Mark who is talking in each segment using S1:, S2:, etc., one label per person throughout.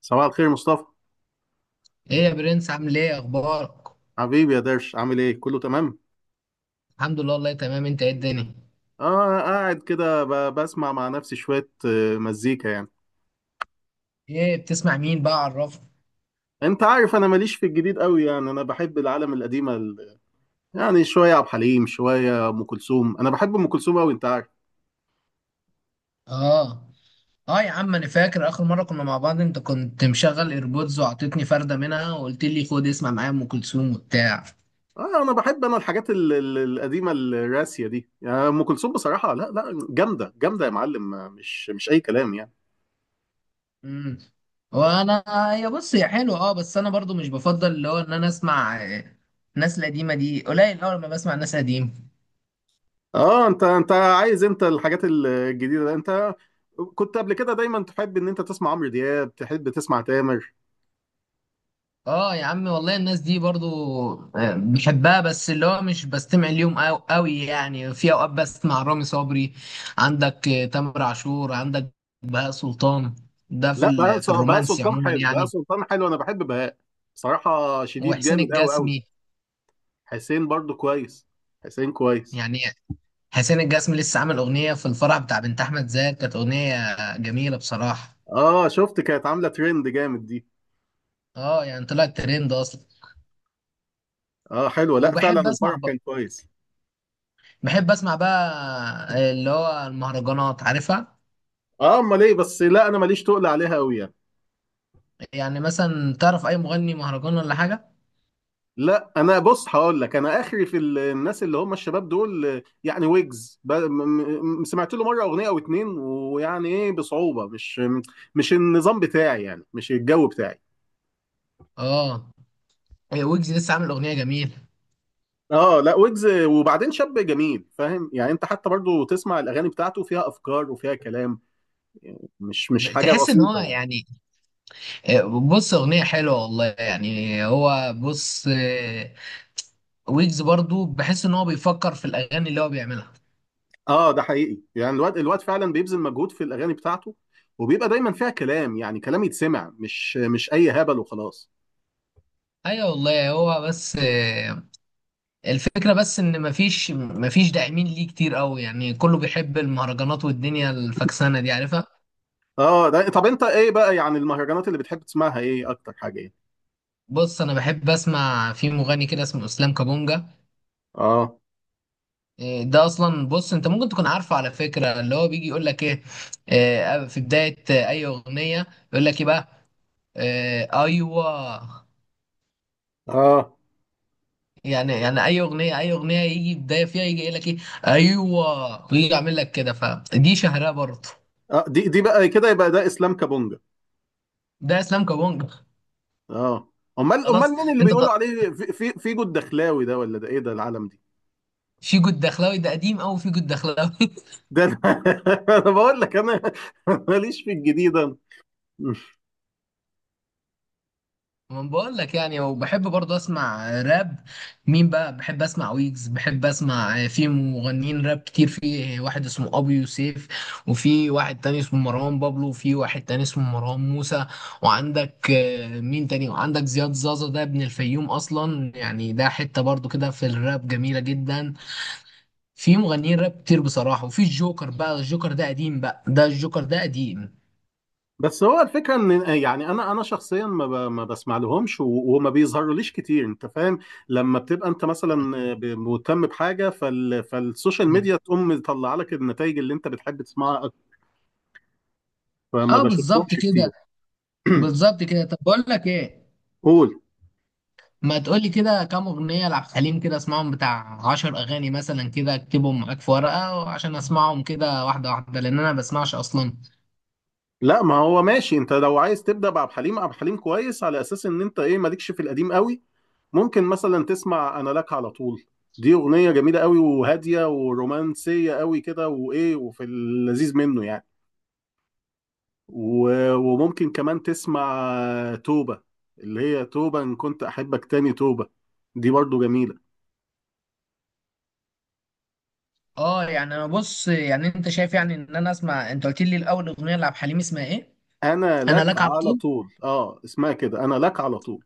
S1: صباح الخير مصطفى.
S2: ايه يا برنس؟ عامل ايه؟ اخبارك؟
S1: حبيبي يا درش، عامل ايه؟ كله تمام.
S2: الحمد لله، والله تمام. انت ايه الدنيا؟
S1: اه، قاعد كده بسمع مع نفسي شوية، مزيكا يعني.
S2: ايه بتسمع؟ مين بقى؟ عرفني.
S1: انت عارف انا ماليش في الجديد قوي، يعني انا بحب العالم القديمة. يعني شوية عبد الحليم، شوية ام كلثوم. انا بحب ام كلثوم قوي انت عارف.
S2: اه. اه، يا عم انا فاكر اخر مره كنا مع بعض، انت كنت مشغل ايربودز وعطيتني فرده منها وقلت لي خد اسمع معايا ام كلثوم وبتاع.
S1: اه انا بحب انا الحاجات القديمة الراسية دي يعني. ام كلثوم بصراحة، لا لا، جامدة جامدة يا معلم، مش اي كلام يعني.
S2: امم وانا، هي بص هي حلوه. اه بس انا برضو مش بفضل اللي هو ان انا اسمع ناس القديمه دي قليل. اول ما بسمع ناس قديمه
S1: اه انت عايز امتى الحاجات الجديده ده؟ انت كنت قبل كده دايما تحب ان انت تسمع عمرو دياب، تحب تسمع تامر.
S2: اه يا عم، والله الناس دي برضو بحبها. بس اللي هو مش بستمع اليوم قوي قوي يعني، في اوقات بسمع رامي صبري. عندك تامر عاشور، عندك بهاء سلطان، ده في
S1: لا،
S2: في
S1: بهاء
S2: الرومانسي
S1: سلطان
S2: عموما
S1: حلو، بهاء
S2: يعني.
S1: سلطان حلو، انا بحب بهاء. بصراحه شديد،
S2: وحسين
S1: جامد قوي قوي.
S2: الجسمي،
S1: حسين برضو كويس. حسين كويس.
S2: يعني حسين الجسمي لسه عامل اغنيه في الفرح بتاع بنت احمد زاهر. كانت اغنيه جميله بصراحه.
S1: اه شفت؟ كانت عامله ترند جامد دي.
S2: اه، يعني طلعت ترند اصلا.
S1: اه حلوه، لا فعلا
S2: وبحب اسمع
S1: الفرح
S2: بقى
S1: كان كويس.
S2: بحب اسمع بقى اللي هو المهرجانات عارفها.
S1: اه امال ايه؟ بس لا، انا ماليش تقل عليها قوي يعني.
S2: يعني مثلا تعرف اي مغني مهرجان ولا حاجه؟
S1: لا انا بص هقول لك، انا اخري في الناس اللي هم الشباب دول، يعني ويجز، سمعت له مره اغنيه او اتنين، ويعني ايه بصعوبه، مش النظام بتاعي يعني، مش الجو بتاعي.
S2: اه. ويجز لسه عامل اغنيه جميله.
S1: اه لا، ويجز وبعدين شاب جميل فاهم يعني، انت حتى برضو تسمع الاغاني بتاعته فيها افكار وفيها كلام، مش حاجه
S2: تحس ان هو
S1: بسيطه يعني.
S2: يعني، بص اغنيه حلوه والله يعني. هو بص، ويجز برضو بحس ان هو بيفكر في الاغاني اللي هو بيعملها.
S1: اه ده حقيقي يعني، الواد الواد فعلا بيبذل مجهود في الاغاني بتاعته، وبيبقى دايما فيها كلام، يعني كلام يتسمع، مش اي هبل وخلاص.
S2: ايوه والله. هو بس الفكره بس ان مفيش داعمين ليه كتير قوي. يعني كله بيحب المهرجانات والدنيا الفكسانه دي عارفها.
S1: اه ده طب انت ايه بقى؟ يعني المهرجانات اللي بتحب تسمعها ايه؟ اكتر حاجه ايه؟
S2: بص، انا بحب اسمع في مغني كده اسمه اسلام كابونجا.
S1: اه
S2: إيه ده اصلا، بص انت ممكن تكون عارفه على فكره، اللي هو بيجي يقول لك ايه، في بدايه اي اغنيه يقول لك ايه بقى، ايوه.
S1: اه
S2: يعني اي اغنيه يجي بدايه فيها يجي يقول لك ايه. ايوه، ويجي يعمل لك كده. فدي شهرها برضه.
S1: اه، دي بقى كده يبقى ده اسلام كابونجا.
S2: ده اسلام كابونج.
S1: اه امال
S2: خلاص.
S1: مين اللي
S2: انت
S1: بيقولوا عليه في في فيجو الدخلاوي ده، ولا ده ايه ده العالم دي؟
S2: في جود دخلاوي، ده قديم قوي، في جود دخلاوي.
S1: ده انا أنا بقول لك انا ماليش في الجديد انا.
S2: ما بقول لك يعني. وبحب برضه اسمع راب. مين بقى بحب اسمع؟ ويجز بحب اسمع، في مغنيين راب كتير. في واحد اسمه ابي يوسف، وفي واحد تاني اسمه مروان بابلو، وفي واحد تاني اسمه مروان موسى، وعندك مين تاني، وعندك زياد زازا، ده ابن الفيوم اصلا يعني، ده حتة برضه كده في الراب جميلة جدا. في مغنيين راب كتير بصراحة. وفي الجوكر بقى، الجوكر ده قديم بقى، ده الجوكر ده قديم.
S1: بس هو الفكره ان، يعني انا شخصيا ما بسمع لهمش، وما بيظهروليش كتير انت فاهم. لما بتبقى انت مثلا مهتم بحاجه فالسوشيال ميديا، تقوم مطلعه لك النتائج اللي انت بتحب تسمعها، فما
S2: اه، بالظبط
S1: بشوفهمش
S2: كده.
S1: كتير.
S2: بالظبط كده. طب بقول لك ايه،
S1: قول.
S2: ما تقولي كده كام أغنية لعبد الحليم، كده اسمعهم، بتاع عشر أغاني مثلا، كده اكتبهم معاك في ورقة عشان اسمعهم كده واحدة واحدة، لأن أنا بسمعش أصلا.
S1: لا ما هو ماشي، انت لو عايز تبدا بعبد الحليم، عبد الحليم كويس على اساس ان انت ايه مالكش في القديم قوي. ممكن مثلا تسمع انا لك على طول، دي اغنيه جميله قوي وهاديه ورومانسيه قوي كده وايه، وفي اللذيذ منه يعني. وممكن كمان تسمع توبه، اللي هي توبه ان كنت احبك تاني، توبه. دي برضو جميله.
S2: اه يعني، أنا بص يعني، أنت شايف يعني إن أنا أسمع، أنت قلت لي الأول أغنية لعبد الحليم اسمها إيه؟
S1: انا
S2: أنا
S1: لك
S2: لك على
S1: على
S2: طول.
S1: طول، اه اسمها كده، انا لك على طول.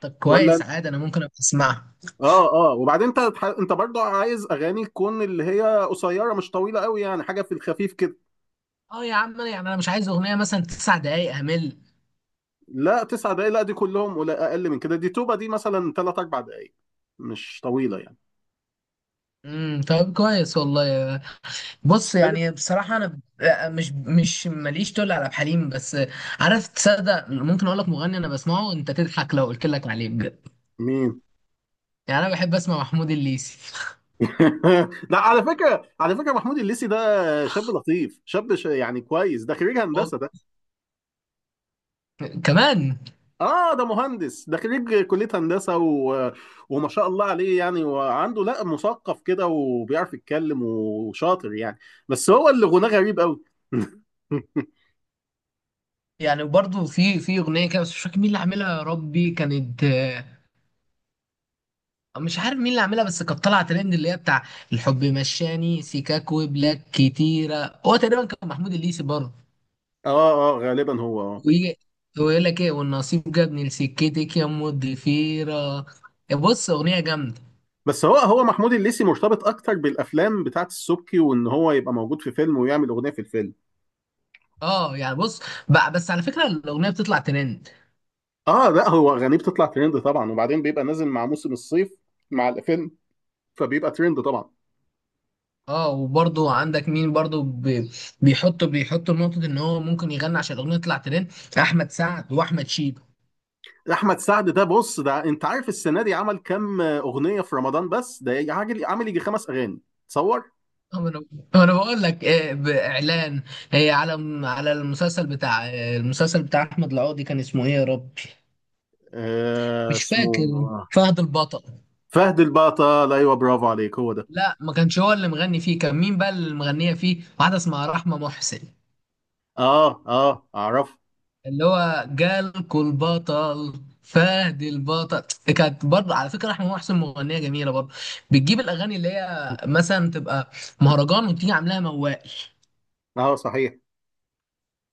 S2: طب
S1: ولا.
S2: كويس، عادي أنا ممكن أبقى أسمعها.
S1: اه اه وبعدين انت برضو عايز اغاني تكون اللي هي قصيره، مش طويله قوي يعني، حاجه في الخفيف كده.
S2: اه يا عم، أنا يعني أنا مش عايز أغنية مثلا تسع دقايق أمل.
S1: لا، 9 دقايق لا، دي كلهم ولا اقل من كده، دي توبه دي مثلا ثلاث اربع دقايق، مش طويله يعني.
S2: امم، طب كويس والله. بص
S1: حلو.
S2: يعني بصراحة أنا مش ماليش تقول على عبد الحليم بس. عارف، تصدق، ممكن أقول لك مغني أنا بسمعه أنت تضحك لو قلت لك عليه بجد؟
S1: مين؟
S2: يعني أنا بحب أسمع محمود الليثي.
S1: لا، على فكره، على فكره محمود الليسي ده شاب لطيف، شاب يعني كويس، ده خريج
S2: وال-
S1: هندسه ده.
S2: كمان،
S1: اه ده مهندس، ده خريج كلية هندسة و... وما شاء الله عليه يعني، وعنده، لا مثقف كده وبيعرف يتكلم وشاطر يعني. بس هو اللي غناه غريب قوي.
S2: يعني برضو في أغنية كده، بس مش فاكر مين اللي عاملها يا ربي، كانت مش عارف مين اللي عاملها، بس كانت طالعة ترند، اللي هي بتاع الحب مشاني سيكاك وبلاك كتيرة، هو تقريبا كان محمود الليثي برضه.
S1: اه اه غالبا هو،
S2: ويجي ويقول لك إيه، والنصيب جابني لسكتك يا أم الضفيرة. بص أغنية جامدة.
S1: بس هو محمود الليثي مرتبط اكتر بالافلام بتاعت السبكي، وان هو يبقى موجود في فيلم ويعمل اغنيه في الفيلم.
S2: اه يعني بص بقى، بس على فكره الاغنيه بتطلع ترند.
S1: اه لا، هو اغانيه بتطلع ترند طبعا، وبعدين بيبقى نازل مع موسم الصيف، مع الفيلم، فبيبقى ترند طبعا.
S2: اه، وبرضو عندك مين برضو بيحطوا نقطه ان هو ممكن يغني عشان الاغنيه تطلع ترند. احمد سعد واحمد شيبه.
S1: احمد سعد ده، بص ده انت عارف السنه دي عمل كام اغنيه في رمضان؟ بس ده عامل يجي خمس اغاني، تصور.
S2: طب انا، بقول لك إيه، باعلان، إيه على على المسلسل بتاع إيه، المسلسل بتاع احمد العوضي كان اسمه ايه يا ربي؟ مش
S1: اسمه
S2: فاكر. فهد البطل.
S1: فهد البطل، ايوه برافو عليك، هو ده.
S2: لا، ما كانش هو اللي مغني فيه، كان مين بقى اللي مغنيه فيه؟ واحده اسمها رحمه محسن.
S1: اه اه اعرف.
S2: اللي هو جالكوا البطل فهد البطل. كانت برضه، على فكره، احمد محسن مغنيه جميله برضه. بتجيب الاغاني اللي هي مثلا تبقى مهرجان وتيجي عاملاها موال.
S1: اه صحيح.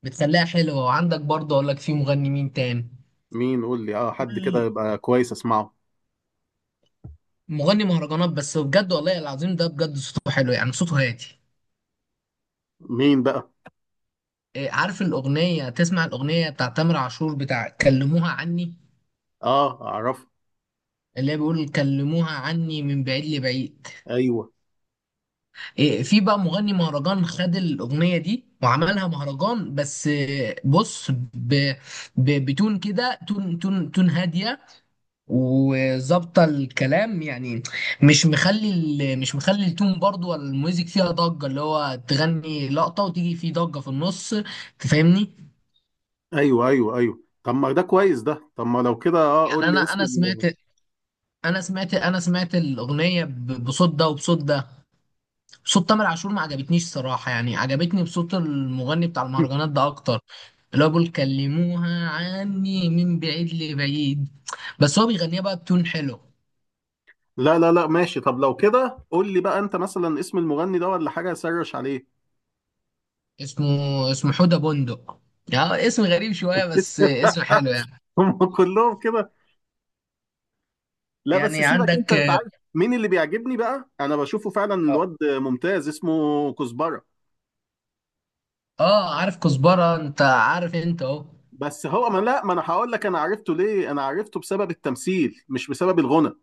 S2: بتخليها حلوه. وعندك برضه، اقول لك في مغني مين تاني،
S1: مين؟ قول لي، اه حد كده
S2: كل
S1: يبقى كويس اسمعه.
S2: مغني مهرجانات بس بجد والله العظيم، ده بجد صوته حلو يعني، صوته هادي.
S1: مين بقى؟
S2: عارف الاغنيه؟ تسمع الاغنيه بتاع تامر عاشور بتاع كلموها عني؟
S1: اه اعرف.
S2: اللي هي بيقول كلموها عني من بعيد لبعيد.
S1: ايوه
S2: في بقى مغني مهرجان خد الأغنية دي وعملها مهرجان، بس بص، بتون كده، تون تون تون هادية وظابطة الكلام يعني. مش مخلي التون برضو ولا الميوزك فيها ضجة، اللي هو تغني لقطة وتيجي في ضجة في النص. تفهمني؟
S1: ايوه ايوه ايوه، طب ما ده كويس ده، طب ما لو كده، اه
S2: يعني
S1: قول لي
S2: انا
S1: اسم
S2: انا سمعت انا سمعت انا سمعت الأغنية بصوت ده وبصوت ده. صوت تامر عاشور ما عجبتنيش صراحة. يعني عجبتني بصوت المغني بتاع المهرجانات ده أكتر. اللي هو بيقول كلموها عني من بعيد لبعيد. بس هو بيغنيها بقى بتون حلو.
S1: لا لا لا، ماشي، طب لو كده قول لي بقى انت مثلا اسم المغني ده ولا حاجه سرش عليه.
S2: اسمه اسمه حودة بندق. يعني اسم غريب شوية، بس اسم حلو يعني.
S1: هم كلهم كده. لا بس
S2: يعني
S1: سيبك، انت
S2: عندك.
S1: انت عارف مين اللي بيعجبني بقى، انا بشوفه فعلا
S2: اه،
S1: الواد ممتاز، اسمه كزبره.
S2: عارف كزبرة؟ انت عارف، انت اهو.
S1: بس هو ما، لا، ما انا هقول لك، انا عرفته ليه؟ انا عرفته بسبب التمثيل مش بسبب الغنى.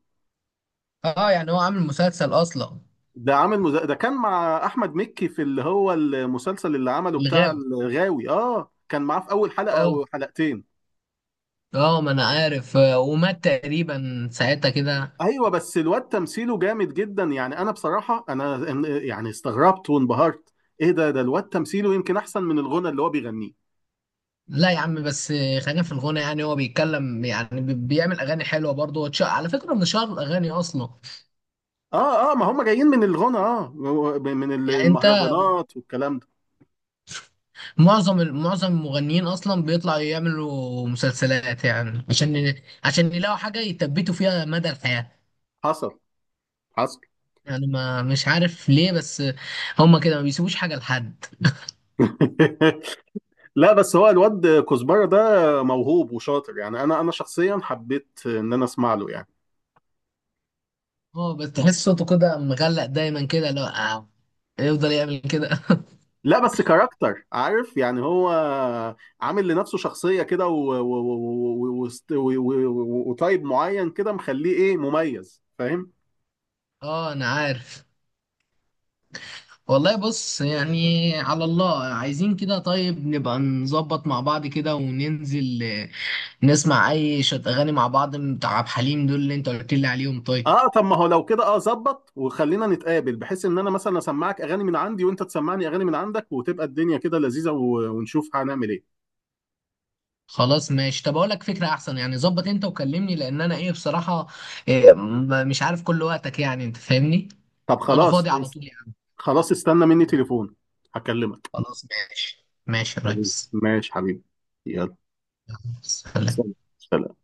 S2: اه، يعني هو عامل مسلسل اصلا.
S1: ده كان مع احمد مكي في اللي هو المسلسل اللي عمله بتاع
S2: الغاوي.
S1: الغاوي، اه كان معاه في اول حلقه
S2: اه،
S1: او حلقتين.
S2: اه، ما انا عارف ومات تقريبا ساعتها كده.
S1: ايوه بس الواد تمثيله جامد جدا يعني، انا بصراحه، انا يعني استغربت وانبهرت. ايه ده الواد تمثيله يمكن احسن من الغنى اللي هو بيغنيه.
S2: لا يا عم، بس خلينا في الغنى، يعني هو بيتكلم يعني، بيعمل اغاني حلوه برضه، على فكره من شهر الاغاني اصلا.
S1: اه اه ما هم جايين من الغنى، من
S2: يعني انت،
S1: المهرجانات والكلام ده.
S2: معظم المغنيين اصلا بيطلعوا يعملوا مسلسلات يعني، عشان عشان يلاقوا حاجه يثبتوا فيها مدى الحياه.
S1: حصل، حصل.
S2: يعني ما، مش عارف ليه بس، هما كده ما بيسيبوش حاجه لحد.
S1: لا بس هو الواد كزبره ده موهوب وشاطر يعني، انا شخصيا حبيت ان انا اسمع له يعني.
S2: اه، بس تحس صوته كده مغلق دايما كده، لو يفضل يعمل كده.
S1: لا بس كاركتر، عارف يعني، هو عامل لنفسه شخصيه كده، وطيب معين كده مخليه ايه مميز، فاهم؟
S2: اه، انا عارف. والله بص يعني، على الله عايزين كده. طيب نبقى نظبط مع بعض كده وننزل نسمع اي شت اغاني مع بعض بتاع عبد الحليم دول، اللي انت قلت لي عليهم، طيب.
S1: اه طب ما هو لو كده اه ظبط، وخلينا نتقابل بحيث ان انا مثلا اسمعك اغاني من عندي، وانت تسمعني اغاني من عندك، وتبقى الدنيا كده لذيذة، ونشوف هنعمل ايه.
S2: خلاص ماشي. طب اقول لك فكره احسن يعني، ظبط انت وكلمني، لان انا ايه بصراحه، مش عارف كل وقتك يعني، انت فاهمني.
S1: طب
S2: انا
S1: خلاص
S2: فاضي على طول يعني.
S1: خلاص استنى مني تليفون، هكلمك.
S2: خلاص، ماشي ماشي يا
S1: حبيبي
S2: ريس.
S1: ماشي حبيبي، يلا.
S2: يلا، سلام.
S1: سلام، سلام.